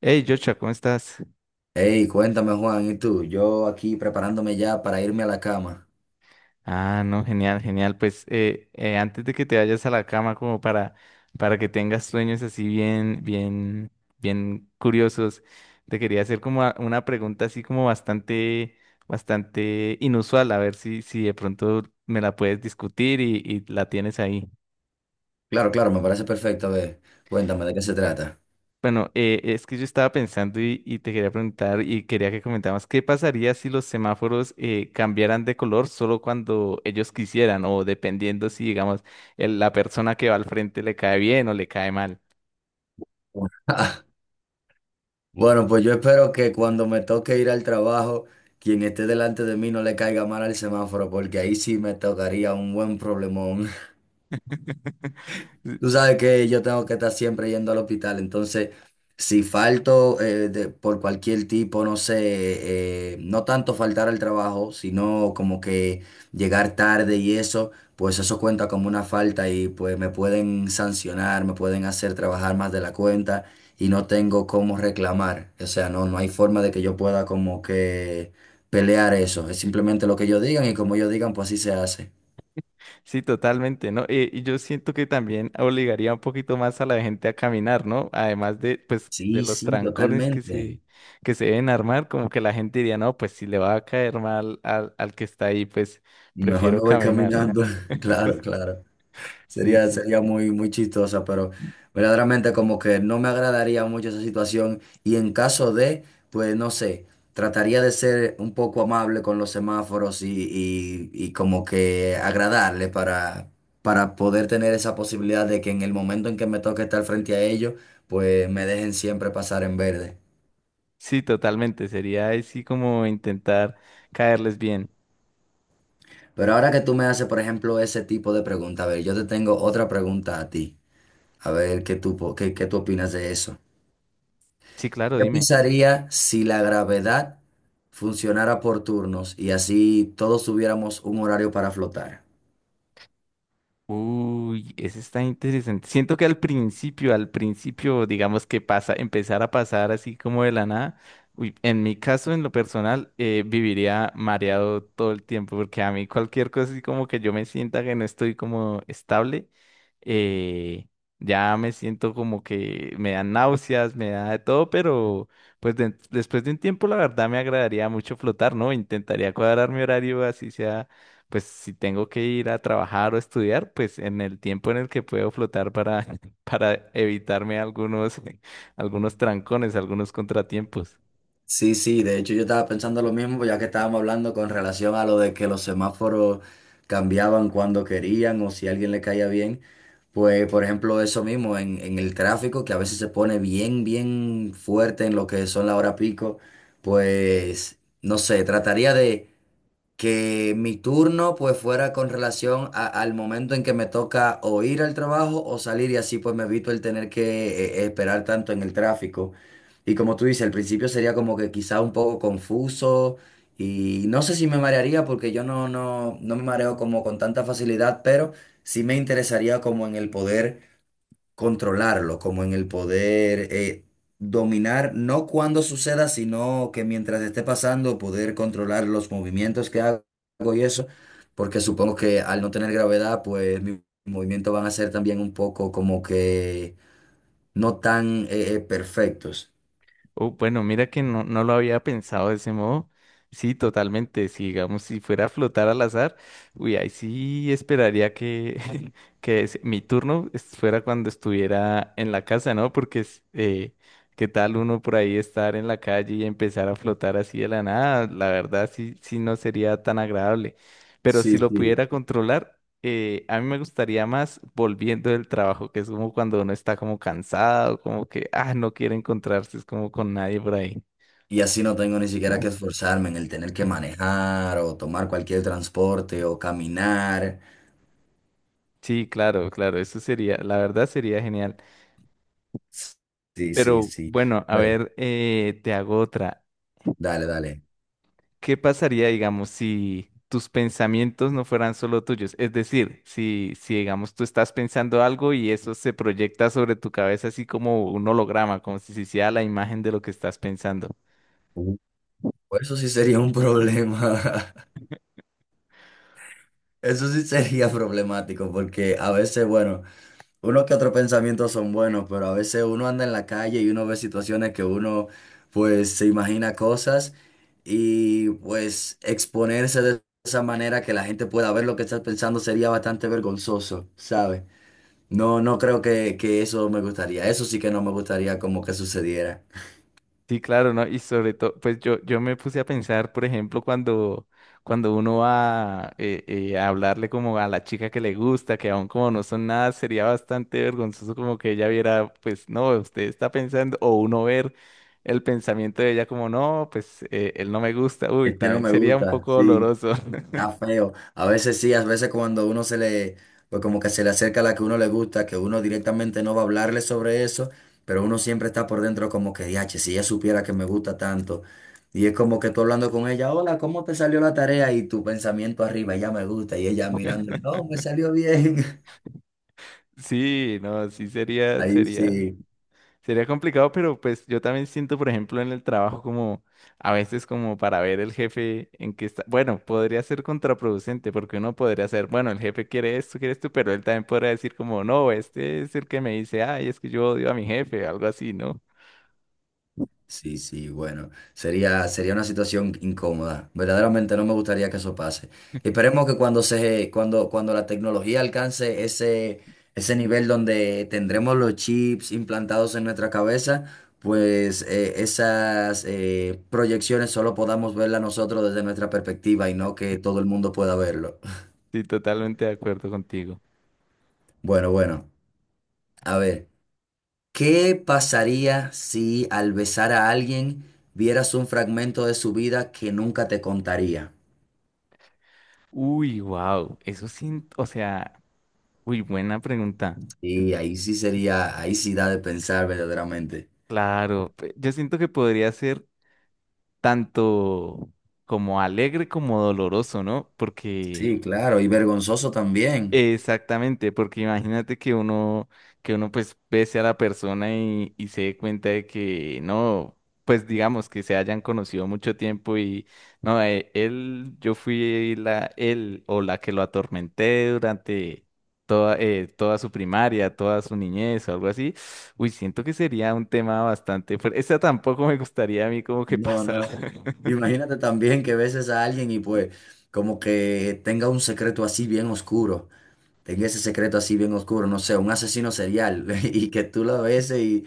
Hey, Joshua, ¿cómo estás? Hey, cuéntame Juan, ¿y tú? Yo aquí preparándome ya para irme a la cama. Ah, no, genial, genial. Pues antes de que te vayas a la cama, como para que tengas sueños así bien, bien, bien curiosos, te quería hacer como una pregunta así como bastante, bastante inusual, a ver si, si de pronto me la puedes discutir y la tienes ahí. Claro, claro, me parece perfecto. A ver, cuéntame de qué se trata. Bueno, es que yo estaba pensando y te quería preguntar y quería que comentaras, ¿qué pasaría si los semáforos cambiaran de color solo cuando ellos quisieran o dependiendo si, digamos, la persona que va al frente le cae bien o le cae mal? Bueno, pues yo espero que cuando me toque ir al trabajo, quien esté delante de mí no le caiga mal al semáforo, porque ahí sí me tocaría un buen problemón. Tú Si. sabes que yo tengo que estar siempre yendo al hospital, entonces si falto de- por cualquier tipo, no sé, no tanto faltar al trabajo, sino como que llegar tarde y eso, pues eso cuenta como una falta y pues me pueden sancionar, me pueden hacer trabajar más de la cuenta y no tengo cómo reclamar. O sea, no hay forma de que yo pueda como que pelear eso. Es simplemente lo que ellos digan y como ellos digan, pues así se hace. Sí, totalmente, ¿no? Y yo siento que también obligaría un poquito más a la gente a caminar, ¿no? Además de, pues, de Sí, los sí, trancones totalmente. Que se deben armar, como que la gente diría, no, pues si le va a caer mal al, al que está ahí, pues Mejor prefiero no voy caminar. caminando. Claro, claro. Sí, Sería, sí. sería muy, muy chistosa, pero verdaderamente como que no me agradaría mucho esa situación. Y en caso de, pues no sé, trataría de ser un poco amable con los semáforos y como que agradarle para poder tener esa posibilidad de que en el momento en que me toque estar frente a ellos, pues me dejen siempre pasar en verde. Sí, totalmente. Sería así como intentar caerles bien. Pero ahora que tú me haces, por ejemplo, ese tipo de pregunta, a ver, yo te tengo otra pregunta a ti. A ver, ¿qué tú, qué, qué tú opinas de eso? Sí, claro, ¿Qué dime. pasaría si la gravedad funcionara por turnos y así todos tuviéramos un horario para flotar? Uy, ese está interesante. Siento que al principio, digamos que pasa, empezar a pasar así como de la nada. Uy, en mi caso, en lo personal, viviría mareado todo el tiempo, porque a mí cualquier cosa así como que yo me sienta que no estoy como estable, eh, ya me siento como que me dan náuseas, me da de todo, pero pues después de un tiempo, la verdad me agradaría mucho flotar, ¿no? Intentaría cuadrar mi horario así sea pues si tengo que ir a trabajar o estudiar, pues en el tiempo en el que puedo flotar para, para evitarme algunos, algunos trancones, algunos contratiempos. Sí, sí, de hecho yo estaba pensando lo mismo, pues ya que estábamos hablando con relación a lo de que los semáforos cambiaban cuando querían o si a alguien le caía bien. Pues, por ejemplo, eso mismo en el tráfico, que a veces se pone bien, bien fuerte en lo que son la hora pico, pues, no sé, trataría de que mi turno pues fuera con relación al momento en que me toca o ir al trabajo o salir y así pues me evito el tener que esperar tanto en el tráfico. Y como tú dices, al principio sería como que quizá un poco confuso y no sé si me marearía porque yo no, no, no me mareo como con tanta facilidad, pero sí me interesaría como en el poder controlarlo, como en el poder dominar, no cuando suceda, sino que mientras esté pasando, poder controlar los movimientos que hago y eso, porque supongo que al no tener gravedad, pues mis movimientos van a ser también un poco como que no tan perfectos. Oh, bueno, mira que no, no lo había pensado de ese modo. Sí, totalmente. Si digamos, si fuera a flotar al azar, uy, ahí sí esperaría que, mi turno fuera cuando estuviera en la casa, ¿no? Porque es, qué tal uno por ahí estar en la calle y empezar a flotar así de la nada, la verdad sí, sí no sería tan agradable. Pero si Sí, lo sí. pudiera controlar, a mí me gustaría más volviendo del trabajo, que es como cuando uno está como cansado, como que, ah, no quiere encontrarse, es como con nadie por ahí. Y así no tengo ni siquiera que esforzarme en el tener que manejar o tomar cualquier transporte o caminar. Sí, claro, claro, eso sería, la verdad sería genial. Sí, sí, Pero sí. bueno, a Bueno, ver, te hago otra. dale, dale. ¿Qué pasaría, digamos, si tus pensamientos no fueran solo tuyos? Es decir, si, si, digamos, tú estás pensando algo y eso se proyecta sobre tu cabeza así como un holograma, como si se hiciera la imagen de lo que estás pensando. Pues eso sí sería un problema. Eso sí sería problemático porque a veces, bueno, uno que otros pensamientos son buenos, pero a veces uno anda en la calle y uno ve situaciones que uno pues se imagina cosas y pues exponerse de esa manera que la gente pueda ver lo que estás pensando sería bastante vergonzoso, ¿sabes? No, no creo que eso me gustaría. Eso sí que no me gustaría como que sucediera. Sí, claro, ¿no? Y sobre todo, pues yo me puse a pensar, por ejemplo, cuando, cuando uno va a hablarle como a la chica que le gusta, que aún como no son nada, sería bastante vergonzoso como que ella viera, pues no, usted está pensando, o uno ver el pensamiento de ella como, no, pues él no me gusta, uy, Este no también me sería un gusta, poco sí. doloroso. Está feo. A veces sí, a veces cuando uno se le, pues como que se le acerca a la que uno le gusta, que uno directamente no va a hablarle sobre eso, pero uno siempre está por dentro como que, diache, si ella supiera que me gusta tanto. Y es como que tú hablando con ella, hola, ¿cómo te salió la tarea? Y tu pensamiento arriba, ella me gusta, y ella mirándola, no, me salió bien. Sí, no, sí sería, Ahí sería. sí. Sería complicado, pero pues yo también siento, por ejemplo, en el trabajo como a veces como para ver el jefe en qué está. Bueno, podría ser contraproducente porque uno podría ser, bueno, el jefe quiere esto, pero él también podría decir como, no, este es el que me dice, ay, es que yo odio a mi jefe, algo así, ¿no? Sí, sí, bueno, sería, sería una situación incómoda. Verdaderamente no me gustaría que eso pase. Esperemos que cuando se, cuando, cuando la tecnología alcance ese, ese nivel donde tendremos los chips implantados en nuestra cabeza, pues esas proyecciones solo podamos verlas nosotros desde nuestra perspectiva y no que todo el mundo pueda verlo. Sí, totalmente de acuerdo contigo. Bueno, bueno, a ver, ¿qué pasaría si al besar a alguien vieras un fragmento de su vida que nunca te contaría? Uy, wow, eso sí, o sea, uy, buena pregunta. Y ahí sí sería, ahí sí da de pensar verdaderamente. Claro, yo siento que podría ser tanto como alegre como doloroso, ¿no? Porque Sí, claro, y vergonzoso también. exactamente, porque imagínate que uno pues pese a la persona y se dé cuenta de que no, pues digamos que se hayan conocido mucho tiempo y no, él, yo fui la, él o la que lo atormenté durante toda, toda su primaria, toda su niñez o algo así. Uy, siento que sería un tema bastante fuerte. Esa tampoco me gustaría a mí como que No, pasara. no. Imagínate también que beses a alguien y pues como que tenga un secreto así bien oscuro, tenga ese secreto así bien oscuro, no sé, un asesino serial y que tú lo beses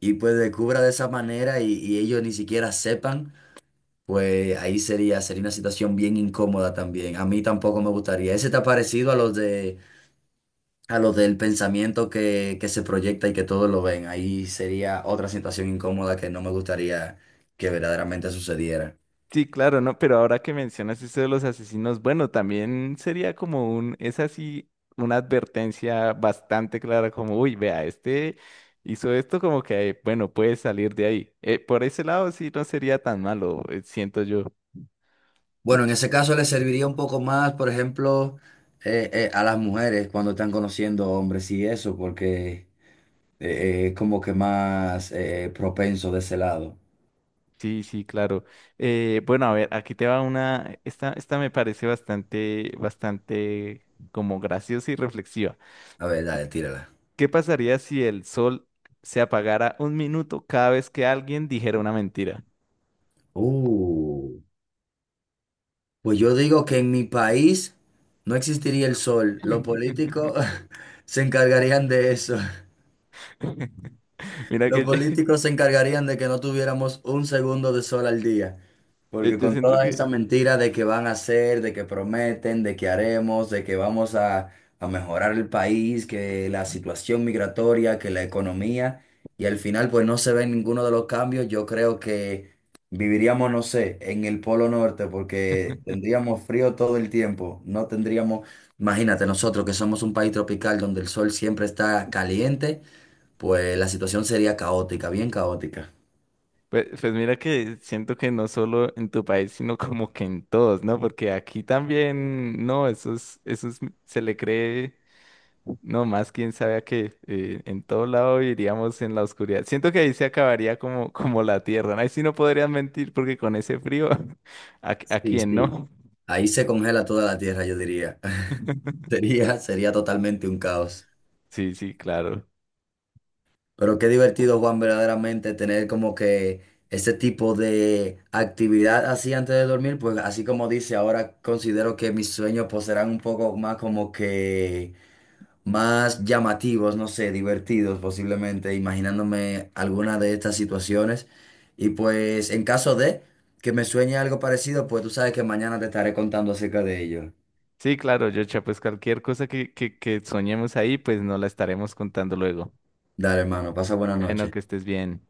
y pues descubra de esa manera y ellos ni siquiera sepan, pues ahí sería, sería una situación bien incómoda también. A mí tampoco me gustaría. ¿Ese te ha parecido a los de... a lo del pensamiento que se proyecta y que todos lo ven? Ahí sería otra situación incómoda que no me gustaría que verdaderamente sucediera. Sí, claro, no, pero ahora que mencionas eso de los asesinos, bueno, también sería como un, es así, una advertencia bastante clara, como, uy, vea, este hizo esto como que, bueno, puede salir de ahí. Por ese lado sí no sería tan malo, siento yo. Bueno, en ese caso le serviría un poco más, por ejemplo, a las mujeres cuando están conociendo hombres y eso, porque eh, es como que más propenso de ese lado. Sí, sí, claro. Bueno, a ver, aquí te va una, esta me parece bastante, bastante como graciosa y reflexiva. A ver, dale, tírala. ¿Qué pasaría si el sol se apagara un minuto cada vez que alguien dijera una mentira? Uh, pues yo digo que en mi país no existiría el sol. Los políticos se encargarían de eso. Mira que Los yo, políticos se encargarían de que no tuviéramos un segundo de sol al día, porque yo con siento toda que, esa mentira de que van a hacer, de que prometen, de que haremos, de que vamos a mejorar el país, que la situación migratoria, que la economía, y al final pues no se ven ninguno de los cambios, yo creo que viviríamos, no sé, en el Polo Norte, porque tendríamos frío todo el tiempo, no tendríamos, imagínate nosotros que somos un país tropical donde el sol siempre está caliente pues la situación sería caótica, bien caótica. pues, pues mira que siento que no solo en tu país, sino como que en todos, ¿no? Porque aquí también, no, eso es, se le cree, no más quién sabe a qué, en todo lado iríamos en la oscuridad. Siento que ahí se acabaría como, como la tierra, ¿no? Ahí sí no podrían mentir porque con ese frío, a Sí, quién sí. no? Ahí se congela toda la tierra, yo diría. Sería, sería totalmente un caos. Sí, sí, claro. Pero qué divertido, Juan, verdaderamente tener como que ese tipo de actividad así antes de dormir, pues así como dice, ahora considero que mis sueños pues serán un poco más como que más llamativos, no sé, divertidos posiblemente, imaginándome alguna de estas situaciones. Y pues en caso de que me sueñe algo parecido, pues tú sabes que mañana te estaré contando acerca de ello. Sí, claro, Yocha, pues cualquier cosa que soñemos ahí, pues no la estaremos contando luego. Dale, hermano, pasa buena Bueno, que noche. estés bien.